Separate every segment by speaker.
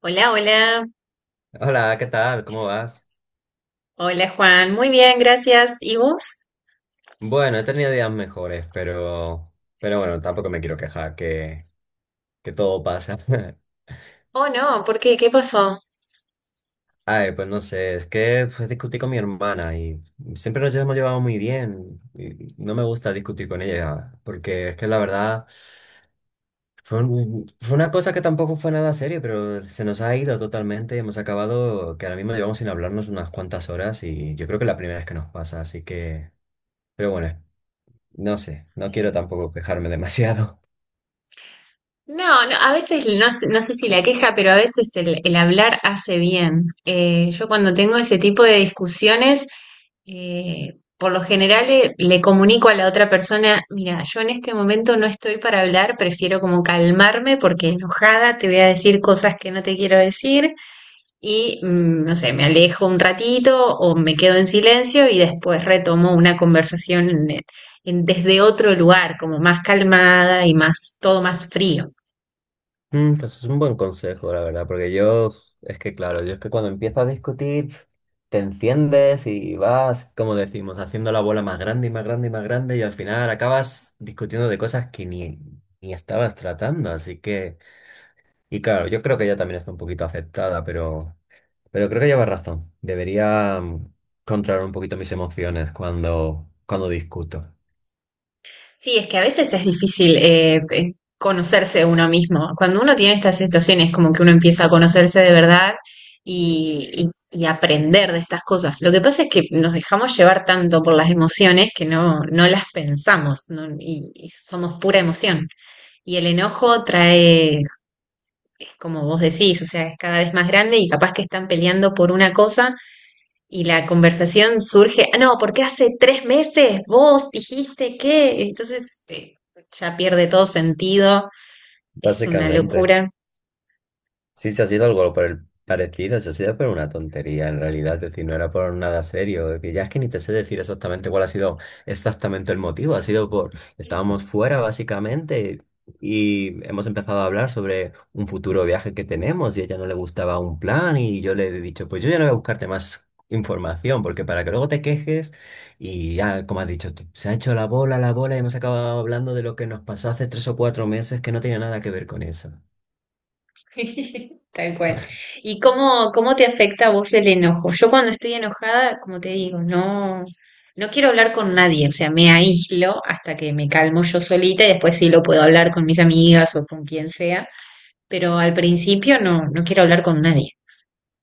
Speaker 1: Hola, hola.
Speaker 2: Hola, ¿qué tal? ¿Cómo vas?
Speaker 1: Hola, Juan. Muy bien, gracias. ¿Y vos?
Speaker 2: Bueno, he tenido días mejores, pero bueno, tampoco me quiero quejar que todo pasa.
Speaker 1: Oh, no, ¿por qué? ¿Qué pasó?
Speaker 2: A ver, pues no sé, es que pues, discutí con mi hermana y siempre nos hemos llevado muy bien y no me gusta discutir con ella porque es que la verdad fue, fue una cosa que tampoco fue nada serio, pero se nos ha ido totalmente y hemos acabado que ahora mismo llevamos sin hablarnos unas cuantas horas y yo creo que es la primera vez que nos pasa, así que, pero bueno, no sé, no quiero
Speaker 1: Sí.
Speaker 2: tampoco quejarme demasiado.
Speaker 1: No, no, a veces no sé si la queja, pero a veces el hablar hace bien. Yo cuando tengo ese tipo de discusiones, por lo general comunico a la otra persona, mira, yo en este momento no estoy para hablar, prefiero como calmarme porque enojada te voy a decir cosas que no te quiero decir y, no sé, me alejo un ratito o me quedo en silencio y después retomo una conversación desde otro lugar, como más calmada y más, todo más frío.
Speaker 2: Mm, pues es un buen consejo, la verdad, porque yo, es que claro, yo es que cuando empiezo a discutir, te enciendes y vas, como decimos, haciendo la bola más grande y más grande y más grande y al final acabas discutiendo de cosas que ni, ni estabas tratando, así que, y claro, yo creo que ella también está un poquito afectada, pero creo que lleva razón, debería controlar un poquito mis emociones cuando discuto,
Speaker 1: Sí, es que a veces es difícil conocerse uno mismo. Cuando uno tiene estas situaciones, como que uno empieza a conocerse de verdad y, y aprender de estas cosas. Lo que pasa es que nos dejamos llevar tanto por las emociones que no, no las pensamos, ¿no? y somos pura emoción. Y el enojo trae es como vos decís, o sea, es cada vez más grande y capaz que están peleando por una cosa y la conversación surge, ah, no, porque hace 3 meses vos dijiste que, entonces ya pierde todo sentido, es una
Speaker 2: básicamente.
Speaker 1: locura.
Speaker 2: Sí, se ha sido algo por el parecido, se ha sido por una tontería en realidad, es decir, no era por nada serio, es que ya es que ni te sé decir exactamente cuál ha sido exactamente el motivo, ha sido por, estábamos fuera básicamente y hemos empezado a hablar sobre un futuro viaje que tenemos y a ella no le gustaba un plan y yo le he dicho, pues yo ya no voy a buscarte más información, porque para que luego te quejes y ya, como has dicho, tú, se ha hecho la bola y hemos acabado hablando de lo que nos pasó hace tres o cuatro meses que no tenía nada que ver con eso.
Speaker 1: Tal cual. ¿Y cómo, cómo te afecta a vos el enojo? Yo cuando estoy enojada, como te digo, no, no quiero hablar con nadie, o sea, me aíslo hasta que me calmo yo solita y después sí lo puedo hablar con mis amigas o con quien sea, pero al principio no, no quiero hablar con nadie.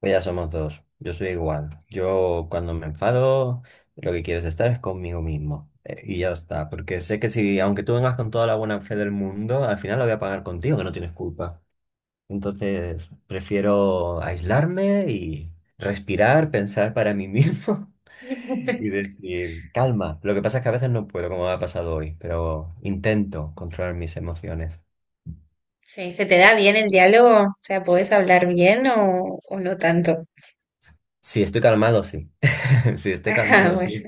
Speaker 2: Pues ya somos dos. Yo soy igual. Yo cuando me enfado, lo que quieres estar es conmigo mismo. Y ya está. Porque sé que si, aunque tú vengas con toda la buena fe del mundo, al final lo voy a pagar contigo, que no tienes culpa. Entonces, prefiero aislarme y respirar, pensar para mí mismo y decir, calma. Lo que pasa es que a veces no puedo, como me ha pasado hoy, pero intento controlar mis emociones.
Speaker 1: Sí, ¿se te da bien el diálogo? O sea, ¿podés hablar bien o no tanto?
Speaker 2: Si estoy calmado, sí. Si estoy
Speaker 1: Ajá,
Speaker 2: calmado,
Speaker 1: bueno.
Speaker 2: sí.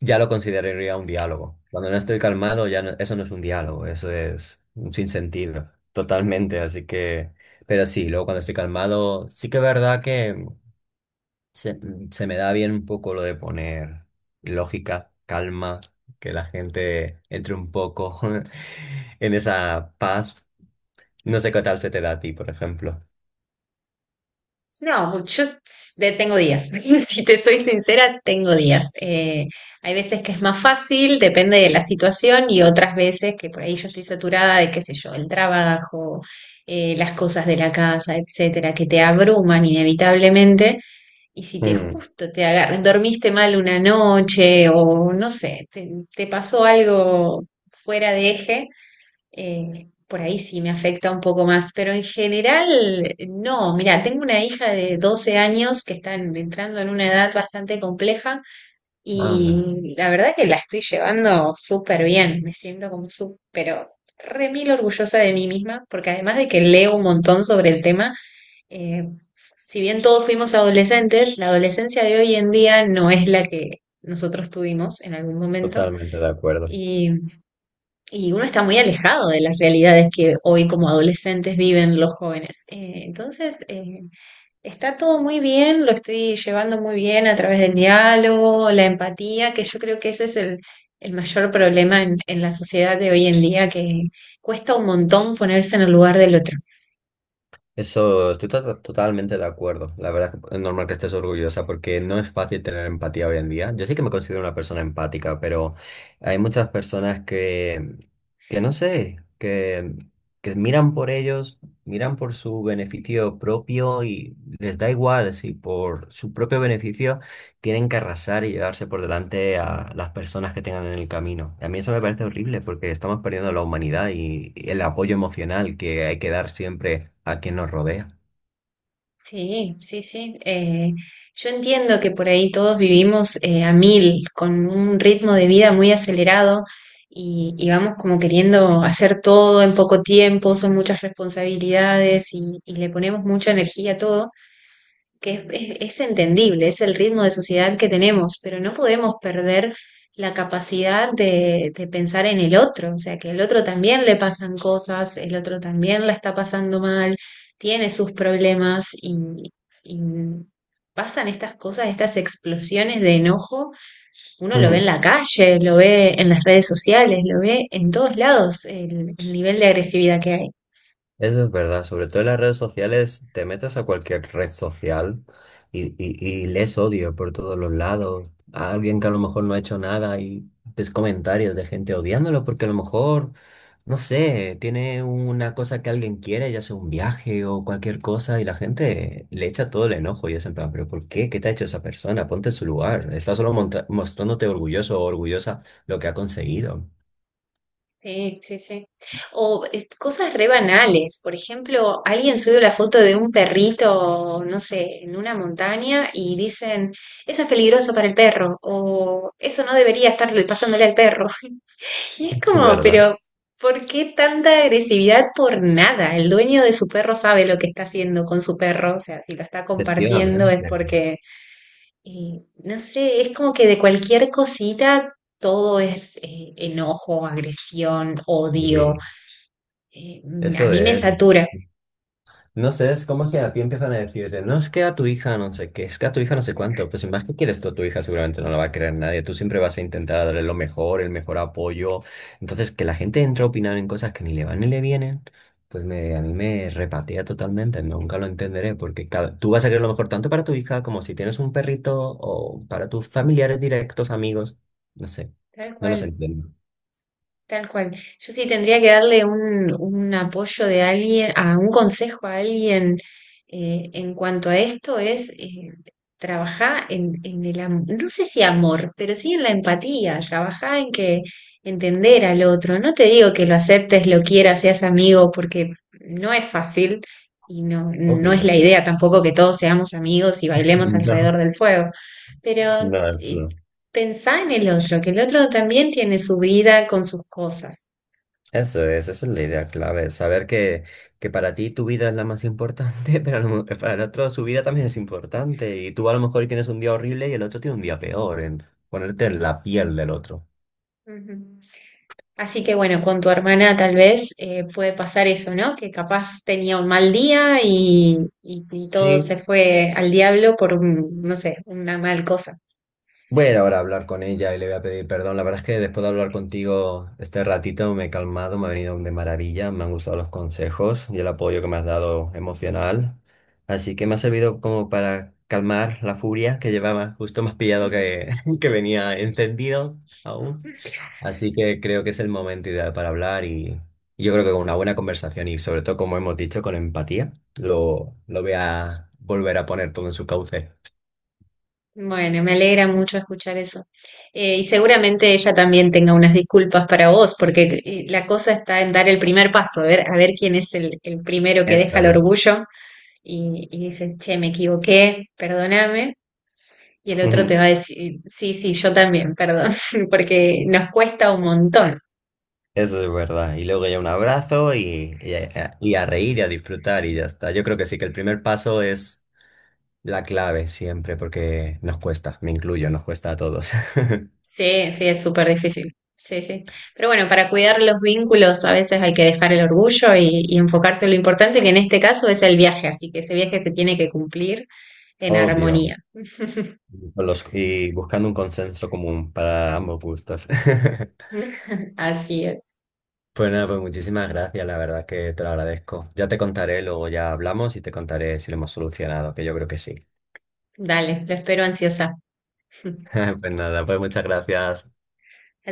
Speaker 2: Ya lo consideraría un diálogo. Cuando no estoy calmado, eso no es un diálogo, eso es un sinsentido, totalmente. Así que, pero sí, luego cuando estoy calmado, sí que es verdad que se, se me da bien un poco lo de poner lógica, calma, que la gente entre un poco en esa paz. No sé qué tal se te da a ti, por ejemplo.
Speaker 1: No, yo tengo días. Si te soy sincera, tengo días. Hay veces que es más fácil, depende de la situación, y otras veces que por ahí yo estoy saturada de, qué sé yo, el trabajo, las cosas de la casa, etcétera, que te abruman inevitablemente. Y si te
Speaker 2: Mm,
Speaker 1: justo te agarras, dormiste mal una noche o no sé, te pasó algo fuera de eje, por ahí sí me afecta un poco más, pero en general no. Mira, tengo una hija de 12 años que está entrando en una edad bastante compleja
Speaker 2: anda,
Speaker 1: y la verdad que la estoy llevando súper bien. Me siento como súper, pero re mil orgullosa de mí misma, porque además de que leo un montón sobre el tema, eh, si bien todos fuimos adolescentes, la adolescencia de hoy en día no es la que nosotros tuvimos en algún momento
Speaker 2: totalmente de acuerdo.
Speaker 1: y, y uno está muy alejado de las realidades que hoy como adolescentes viven los jóvenes. Entonces, está todo muy bien, lo estoy llevando muy bien a través del diálogo, la empatía, que yo creo que ese es el mayor problema en la sociedad de hoy en día, que cuesta un montón ponerse en el lugar del otro.
Speaker 2: Eso, totalmente de acuerdo. La verdad es que es normal que estés orgullosa porque no es fácil tener empatía hoy en día. Yo sí que me considero una persona empática, pero hay muchas personas que no sé, que miran por ellos, miran por su beneficio propio y les da igual si por su propio beneficio tienen que arrasar y llevarse por delante a las personas que tengan en el camino. A mí eso me parece horrible porque estamos perdiendo la humanidad y el apoyo emocional que hay que dar siempre a quien nos rodea.
Speaker 1: Sí, sí, sí. Yo entiendo que por ahí todos vivimos a mil, con un ritmo de vida muy acelerado y vamos como queriendo hacer todo en poco tiempo, son muchas responsabilidades y le ponemos mucha energía a todo, que es, es entendible, es el ritmo de sociedad que tenemos, pero no podemos perder la capacidad de pensar en el otro, o sea, que el otro también le pasan cosas, el otro también la está pasando mal, tiene sus problemas y pasan estas cosas, estas explosiones de enojo, uno lo ve en
Speaker 2: Ujú.
Speaker 1: la calle, lo ve en las redes sociales, lo ve en todos lados, el nivel de agresividad que hay.
Speaker 2: Eso es verdad, sobre todo en las redes sociales, te metes a cualquier red social y lees odio por todos los lados. A alguien que a lo mejor no ha hecho nada y ves comentarios de gente odiándolo porque a lo mejor, no sé, tiene una cosa que alguien quiere, ya sea un viaje o cualquier cosa, y la gente le echa todo el enojo y es en plan, pero ¿por qué? ¿Qué te ha hecho esa persona? Ponte en su lugar. Está solo mostrándote orgulloso o orgullosa lo que ha conseguido.
Speaker 1: Sí, sí, sí. O cosas re banales. Por ejemplo, alguien sube la foto de un perrito, no sé, en una montaña y dicen, eso es peligroso para el perro o eso no debería estar pasándole al perro. Y es
Speaker 2: Es
Speaker 1: como,
Speaker 2: verdad,
Speaker 1: pero ¿por qué tanta agresividad por nada? El dueño de su perro sabe lo que está haciendo con su perro. O sea, si lo está compartiendo
Speaker 2: efectivamente.
Speaker 1: es porque, no sé, es como que de cualquier cosita... Todo es enojo, agresión, odio,
Speaker 2: Y
Speaker 1: eh, a
Speaker 2: eso
Speaker 1: mí me
Speaker 2: es.
Speaker 1: satura.
Speaker 2: No sé, es como si a ti empiezan a decirte, no es que a tu hija no sé qué, es que a tu hija no sé cuánto, pues sin más que quieres tú a tu hija seguramente no la va a querer nadie, tú siempre vas a intentar darle lo mejor, el mejor apoyo, entonces que la gente entre a opinar en cosas que ni le van ni le vienen, a mí me repatea totalmente, nunca lo entenderé, porque tú vas a querer lo mejor tanto para tu hija como si tienes un perrito o para tus familiares directos, amigos, no sé,
Speaker 1: Tal
Speaker 2: no los
Speaker 1: cual,
Speaker 2: entiendo.
Speaker 1: tal cual. Yo, sí tendría que darle un apoyo de alguien, a un consejo a alguien en cuanto a esto, es trabajar en el amor, no sé si amor, pero sí en la empatía, trabajar en que entender al otro. No te digo que lo aceptes, lo quieras, seas amigo, porque no es fácil y no,
Speaker 2: Ok.
Speaker 1: no es la idea tampoco que todos seamos amigos y bailemos
Speaker 2: No,
Speaker 1: alrededor del fuego, pero
Speaker 2: no, eso no.
Speaker 1: pensá en el otro, que el otro también tiene su vida con sus cosas.
Speaker 2: Eso es, esa es la idea clave, saber que para ti tu vida es la más importante, pero a para el otro su vida también es importante y tú a lo mejor tienes un día horrible y el otro tiene un día peor, en ponerte en la piel del otro.
Speaker 1: Ujú. Así que bueno, con tu hermana tal vez puede pasar eso, ¿no? Que capaz tenía un mal día y, y todo se
Speaker 2: Sí,
Speaker 1: fue al diablo por un, no sé, una mal cosa.
Speaker 2: voy a ir ahora a hablar con ella y le voy a pedir perdón. La verdad es que después de hablar contigo este ratito me he calmado, me ha venido de maravilla, me han gustado los consejos y el apoyo que me has dado emocional. Así que me ha servido como para calmar la furia que llevaba. Justo más pillado que venía encendido aún. Así que creo que es el momento ideal para hablar y yo creo que con una buena conversación y sobre todo, como hemos dicho, con empatía, lo voy a volver a poner todo en su cauce.
Speaker 1: Bueno, me alegra mucho escuchar eso. Y seguramente ella también tenga unas disculpas para vos, porque la cosa está en dar el primer paso, a ver quién es el primero que
Speaker 2: Eso
Speaker 1: deja el
Speaker 2: es.
Speaker 1: orgullo y dices, che, me equivoqué, perdóname. Y el otro te va a decir, sí, sí, yo también, perdón, porque nos cuesta un montón.
Speaker 2: Eso es verdad. Y luego ya un abrazo y a reír y a disfrutar y ya está. Yo creo que sí, que el primer paso es la clave siempre, porque nos cuesta, me incluyo, nos cuesta a todos.
Speaker 1: Sí, sí, es súper difícil. Sí, sí. Pero bueno, para cuidar los vínculos a veces hay que dejar el orgullo y enfocarse en lo importante, que en este caso es el viaje, así que ese viaje se tiene que cumplir en
Speaker 2: Obvio.
Speaker 1: armonía.
Speaker 2: Y buscando un consenso común para ambos gustos.
Speaker 1: Así es.
Speaker 2: Pues nada, pues muchísimas gracias, la verdad que te lo agradezco. Ya te contaré, luego ya hablamos y te contaré si lo hemos solucionado, que yo creo que sí.
Speaker 1: Dale, lo espero ansiosa.
Speaker 2: Pues nada, pues muchas gracias.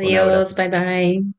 Speaker 2: Un abrazo.
Speaker 1: bye bye.